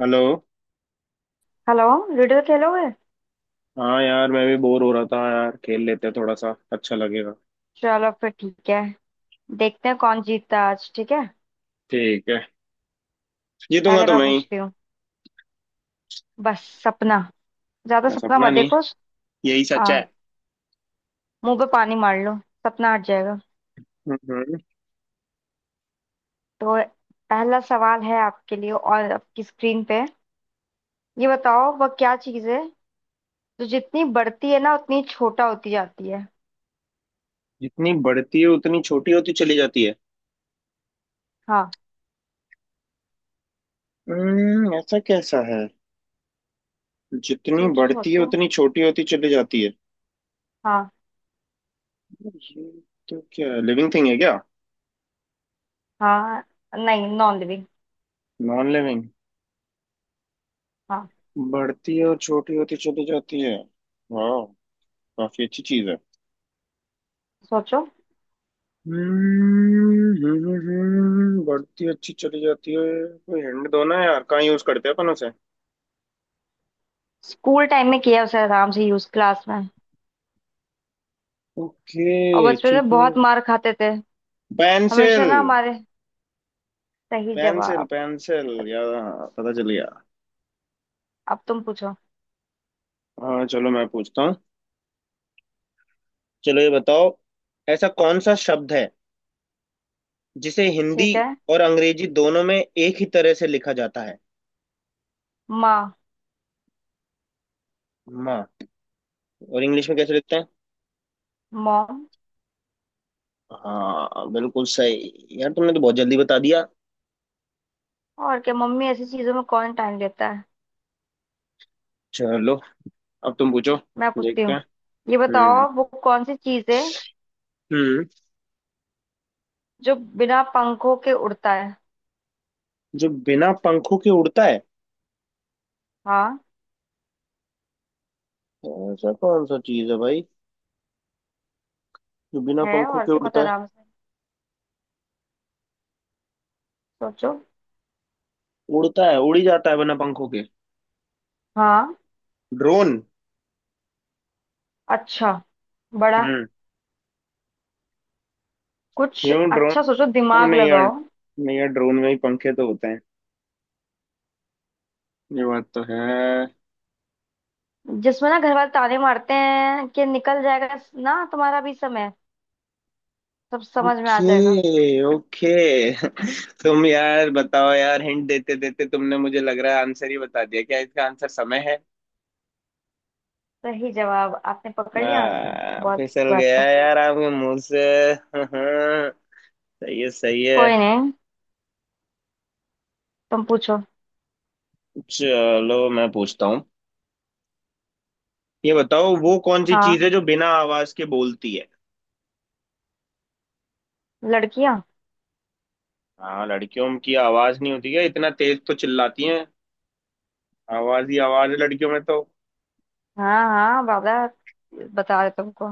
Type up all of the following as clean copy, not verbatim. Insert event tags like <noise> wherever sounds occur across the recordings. Hello. Hello. Ludo खेलोगे। हाँ यार, मैं भी बोर हो रहा था यार, खेल लेते हैं, थोड़ा सा अच्छा लगेगा। चलो फिर ठीक है। देखते हैं कौन जीतता है आज, ठीक है। ठीक है। जीतूंगा पहले तो मैं मैं ही। पूछती हूँ। बस सपना। ज्यादा मैं सपना सपना मत नहीं, देखो। यही सच हाँ, है। मुंह पे पानी मार लो, सपना हट जाएगा। हम्म। तो पहला सवाल है आपके लिए और आपकी स्क्रीन पे। ये बताओ वह क्या चीज है जो जितनी बढ़ती है ना उतनी छोटा होती जाती है। जितनी बढ़ती है उतनी छोटी होती चली जाती है? हाँ, हम्म, ऐसा कैसा है? जितनी सोचो बढ़ती है सोचो। उतनी छोटी होती चली जाती है। हाँ। ये तो क्या है, लिविंग थिंग है क्या? हाँ, नहीं, नॉन लिविंग। Non living? हाँ, बढ़ती है और छोटी होती चली जाती है। वाह, काफी अच्छी चीज है। सोचो। बढ़ती अच्छी चली जाती है। कोई हिंट दो ना यार, कहाँ यूज करते हैं अपन उसे? स्कूल टाइम में किया उसे आराम से यूज क्लास में। और ओके बचपन में ठीक है। बहुत मार खाते थे हमेशा पेंसिल। ना हमारे। सही पेंसिल जवाब। पेंसिल चलो, यार, हाँ, पता चल गया। अब तुम पूछो। हाँ चलो मैं पूछता हूँ। चलो ये बताओ, ऐसा कौन सा शब्द है जिसे हिंदी ठीक है। और अंग्रेजी दोनों में एक ही तरह से लिखा जाता है? माँ। माँ? और इंग्लिश में कैसे लिखते हैं? मॉम। हाँ बिल्कुल सही यार, तुमने तो बहुत जल्दी बता दिया। और क्या, मम्मी ऐसी चीजों में कौन टाइम देता है। चलो अब तुम पूछो। मैं पूछती देखते हूँ। हैं। ये हम्म बताओ वो कौन सी चीज है हम्म जो बिना पंखों के उड़ता है। जो बिना पंखों के उड़ता है? हाँ, ऐसा कौन सा चीज है भाई जो बिना है पंखों और के क्या उड़ता पता है? आराम से। सोचो। उड़ता है, उड़ी जाता है बिना पंखों के। हाँ। ड्रोन? अच्छा, बड़ा हम्म, कुछ क्यों ड्रोन? अच्छा सोचो, हम दिमाग नहीं यार, लगाओ। नहीं यार, ड्रोन में ही पंखे तो होते हैं, ये बात तो है। जिसमें ना घर वाले ताने मारते हैं कि निकल जाएगा ना तुम्हारा भी समय, सब समझ में आ जाएगा। Okay okay. <laughs> तुम यार बताओ यार, हिंट देते देते तुमने मुझे लग रहा है आंसर ही बता दिया, क्या इसका आंसर समय है? सही जवाब आपने पकड़ लिया आंसर, बहुत अच्छी फिसल बात गया है। यार आपके मुंह से। <laughs> सही है सही है। कोई नहीं, तुम पूछो। चलो मैं पूछता हूँ। ये बताओ, वो कौन सी चीज हाँ, है जो बिना आवाज के बोलती है? लड़कियां। हाँ, लड़कियों की आवाज नहीं होती है, इतना तेज तो चिल्लाती हैं, आवाज ही आवाज है लड़कियों में तो। हाँ हाँ बाबा, बता रहे तुमको।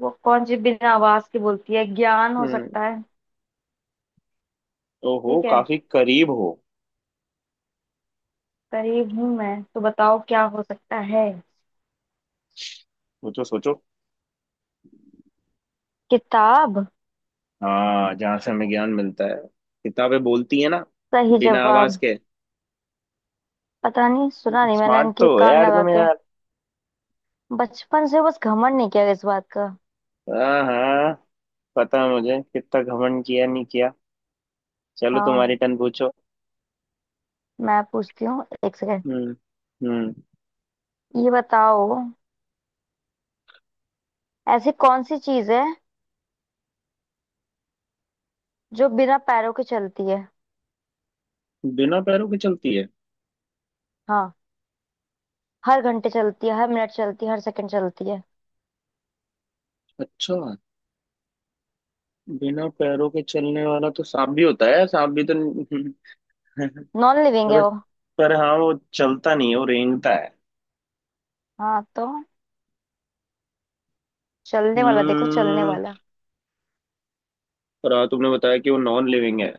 वो कौन सी बिना आवाज की बोलती है, ज्ञान हो हम्म, सकता है। ओहो, ठीक है, काफी करीब हो। करीब हूं मैं तो, बताओ क्या हो सकता है। सोचो सोचो। किताब। हाँ, जहाँ से हमें ज्ञान मिलता है, किताबें बोलती है ना, सही बिना आवाज जवाब। के। पता नहीं सुना नहीं मैंने स्मार्ट उनके तो हो कान यार लगा तुम के। यार। बचपन से बस घमंड नहीं किया इस बात का। हाँ हाँ, पता है मुझे, कितना घमंड किया नहीं किया। चलो हाँ, तुम्हारी टर्न, पूछो। मैं पूछती हूँ, एक सेकेंड। हम्म हम्म ये बताओ, ऐसी कौन सी चीज है जो बिना पैरों के चलती है। बिना पैरों के चलती है? हाँ, हर घंटे चलती है, हर मिनट चलती है, हर सेकंड चलती है। अच्छा, बिना पैरों के चलने वाला तो सांप भी होता है, सांप भी तो। <laughs> नॉन लिविंग पर है वो- वो। पर हाँ वो चलता नहीं है, वो रेंगता है। हाँ तो चलने वाला देखो, चलने हम्म, वाला। पर हाँ तुमने बताया कि वो नॉन लिविंग है।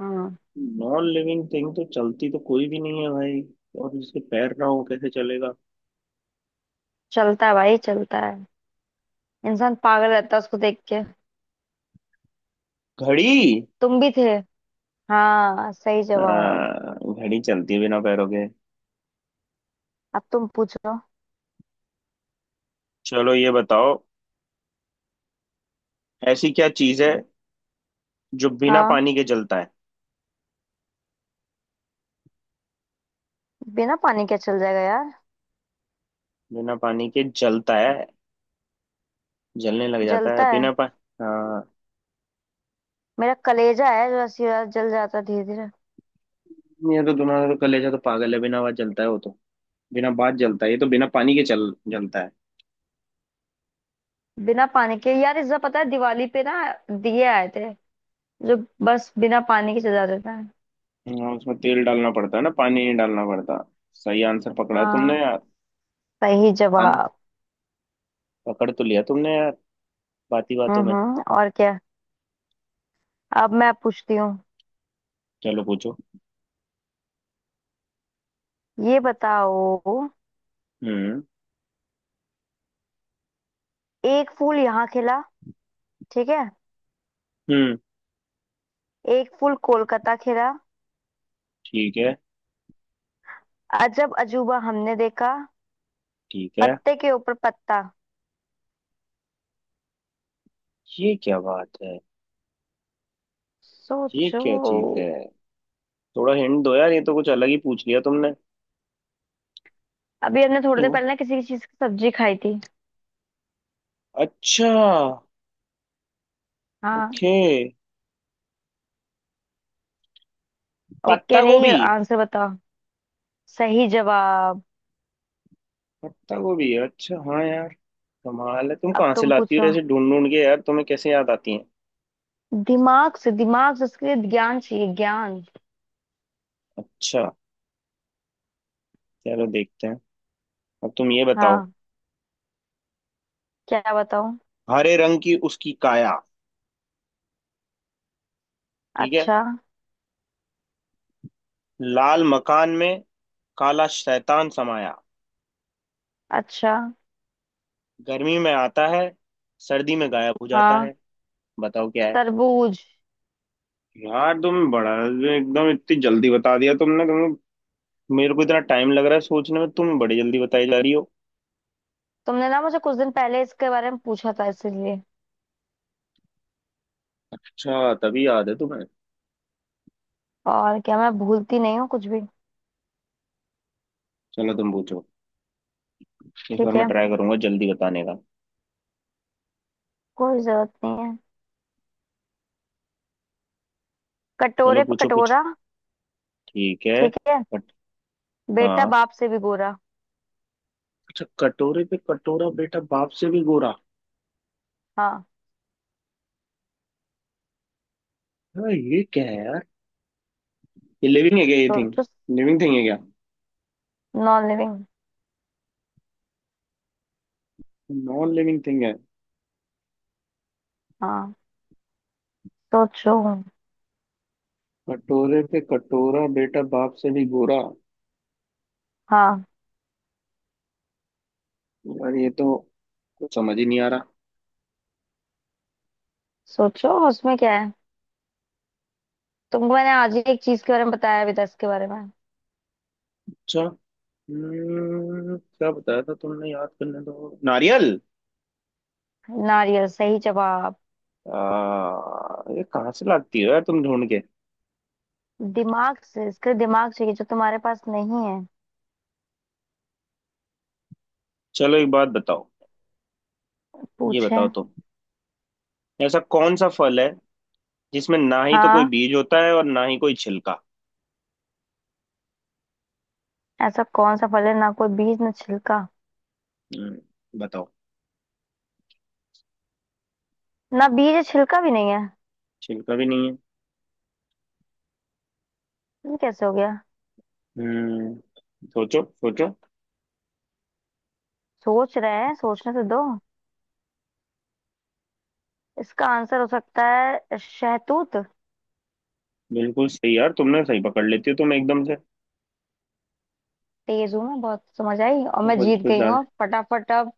हम्म नॉन लिविंग थिंग तो चलती तो कोई भी नहीं है भाई, और जिसके पैर ना हो कैसे चलेगा? चलता है भाई, चलता है। इंसान पागल रहता है उसको देख के। घड़ी? तुम भी थे। हाँ, सही जवाब। हाँ घड़ी चलती है बिना पैरों के। अब तुम पूछो। चलो ये बताओ, ऐसी क्या चीज है जो बिना हाँ, पानी के जलता है? बिना पानी के चल जाएगा यार। बिना पानी के जलता है, जलने लग जाता है जलता है। बिना पा। हाँ, मेरा कलेजा है जो ऐसी रात जल जाता है धीरे धीरे। ये तो तुम्हारा तो कलेजा तो पागल है, बिना बात जलता है वो तो, बिना बात जलता है, ये तो बिना पानी के चल जलता है। बिना पानी के यार, इस बार पता है दिवाली पे ना दिए आए थे जो बस बिना पानी के चल जाते थे। हाँ, उसमें तेल डालना पड़ता है ना, पानी नहीं डालना पड़ता। सही आंसर पकड़ा है तुमने हाँ, यार। सही अन जवाब। पकड़ तो लिया तुमने यार, बाती बातों में। हम्म, और क्या। अब मैं पूछती हूँ। चलो पूछो। ये बताओ, हम्म एक फूल यहाँ खिला, ठीक है, हम्म एक फूल कोलकाता खिला, ठीक है अजब अजूबा हमने देखा, ठीक है। पत्ते के ऊपर पत्ता। ये क्या बात है? ये सोचो। क्या चीज है? थोड़ा हिंट दो यार, ये तो कुछ अलग ही पूछ लिया तुमने। अभी हमने थोड़ी देर हम्म, पहले ना किसी की चीज की सब्जी खाई थी। अच्छा, हाँ। ओके, ओके पत्ता नहीं, गोभी? आंसर बताओ। सही जवाब। पत्ता गोभी, अच्छा हाँ यार, कमाल है, तुम अब कहाँ से तुम लाती हो पूछो। ऐसे ढूंढ ढूंढ के, यार तुम्हें कैसे याद आती है? दिमाग से, दिमाग से, उसके लिए ज्ञान चाहिए ज्ञान। अच्छा, चलो देखते हैं। अब तुम ये बताओ। हाँ, क्या बताऊं। हरे रंग की उसकी काया, ठीक है, अच्छा। लाल मकान में काला शैतान समाया, अच्छा। गर्मी में आता है, सर्दी में गायब हो जाता हाँ, है, बताओ क्या है? तरबूज। यार तुम बड़ा एकदम इतनी जल्दी बता दिया तुमने, तुम्हें मेरे को इतना टाइम लग रहा है सोचने में, तुम बड़ी जल्दी बताई जा रही हो। तुमने ना मुझे कुछ दिन पहले इसके बारे में पूछा था इसीलिए। अच्छा, तभी याद है तुम्हें। और क्या, मैं भूलती नहीं हूँ कुछ भी। चलो तुम पूछो, इस बार ठीक मैं है, ट्राई करूंगा जल्दी बताने का। कोई जरूरत नहीं है। चलो कटोरे पे पूछो कुछ। कटोरा, ठीक है। ठीक है, बट बेटा हाँ, बाप से भी गोरा। अच्छा, कटोरे पे कटोरा बेटा बाप से भी गोरा। हाँ, हाँ ये क्या है यार? ये लिविंग है क्या ये थिंग? सोचो। लिविंग थिंग है क्या? Non living. Non living thing है? हाँ, सोचो। कटोरे पे कटोरा बेटा बाप से भी गोरा, हाँ, यार ये तो कुछ समझ ही नहीं आ रहा। सोचो उसमें क्या है। तुमको मैंने आज ही एक चीज के बारे में बताया अभी 10 के बारे में। अच्छा, क्या बताया था तुमने, याद करने दो। नारियल? नारियल, सही जवाब। आ, ये कहाँ से लाती हो यार तुम ढूंढ के? दिमाग से, इसके दिमाग चाहिए जो तुम्हारे पास नहीं है। चलो एक बात बताओ, ये पूछे। बताओ तुम, ऐसा कौन सा फल है जिसमें ना ही तो कोई हाँ, बीज होता है और ना ही कोई छिलका? ऐसा कौन सा फल है ना कोई बीज ना छिलका। बताओ। ना बीज, छिलका भी नहीं है, छिलका भी नहीं है। ये कैसे हो गया। हम्म, सोचो सोचो। सोच रहे हैं, सोचने से दो, इसका आंसर हो सकता है शहतूत। बिल्कुल सही यार, तुमने सही पकड़ लेती हो तुम एकदम से। तेज हूं मैं बहुत, समझ आई, और मैं कुछ जीत कुछ गई ज्यादा- हूँ फटाफट। अब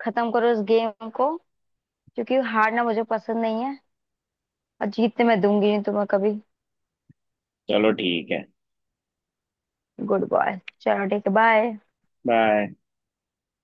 खत्म करो इस गेम को, क्योंकि हारना मुझे पसंद नहीं है, और जीतने मैं दूंगी नहीं तुम्हें कभी। चलो ठीक है। गुड बॉय, चलो ठीक है, बाय। बाय।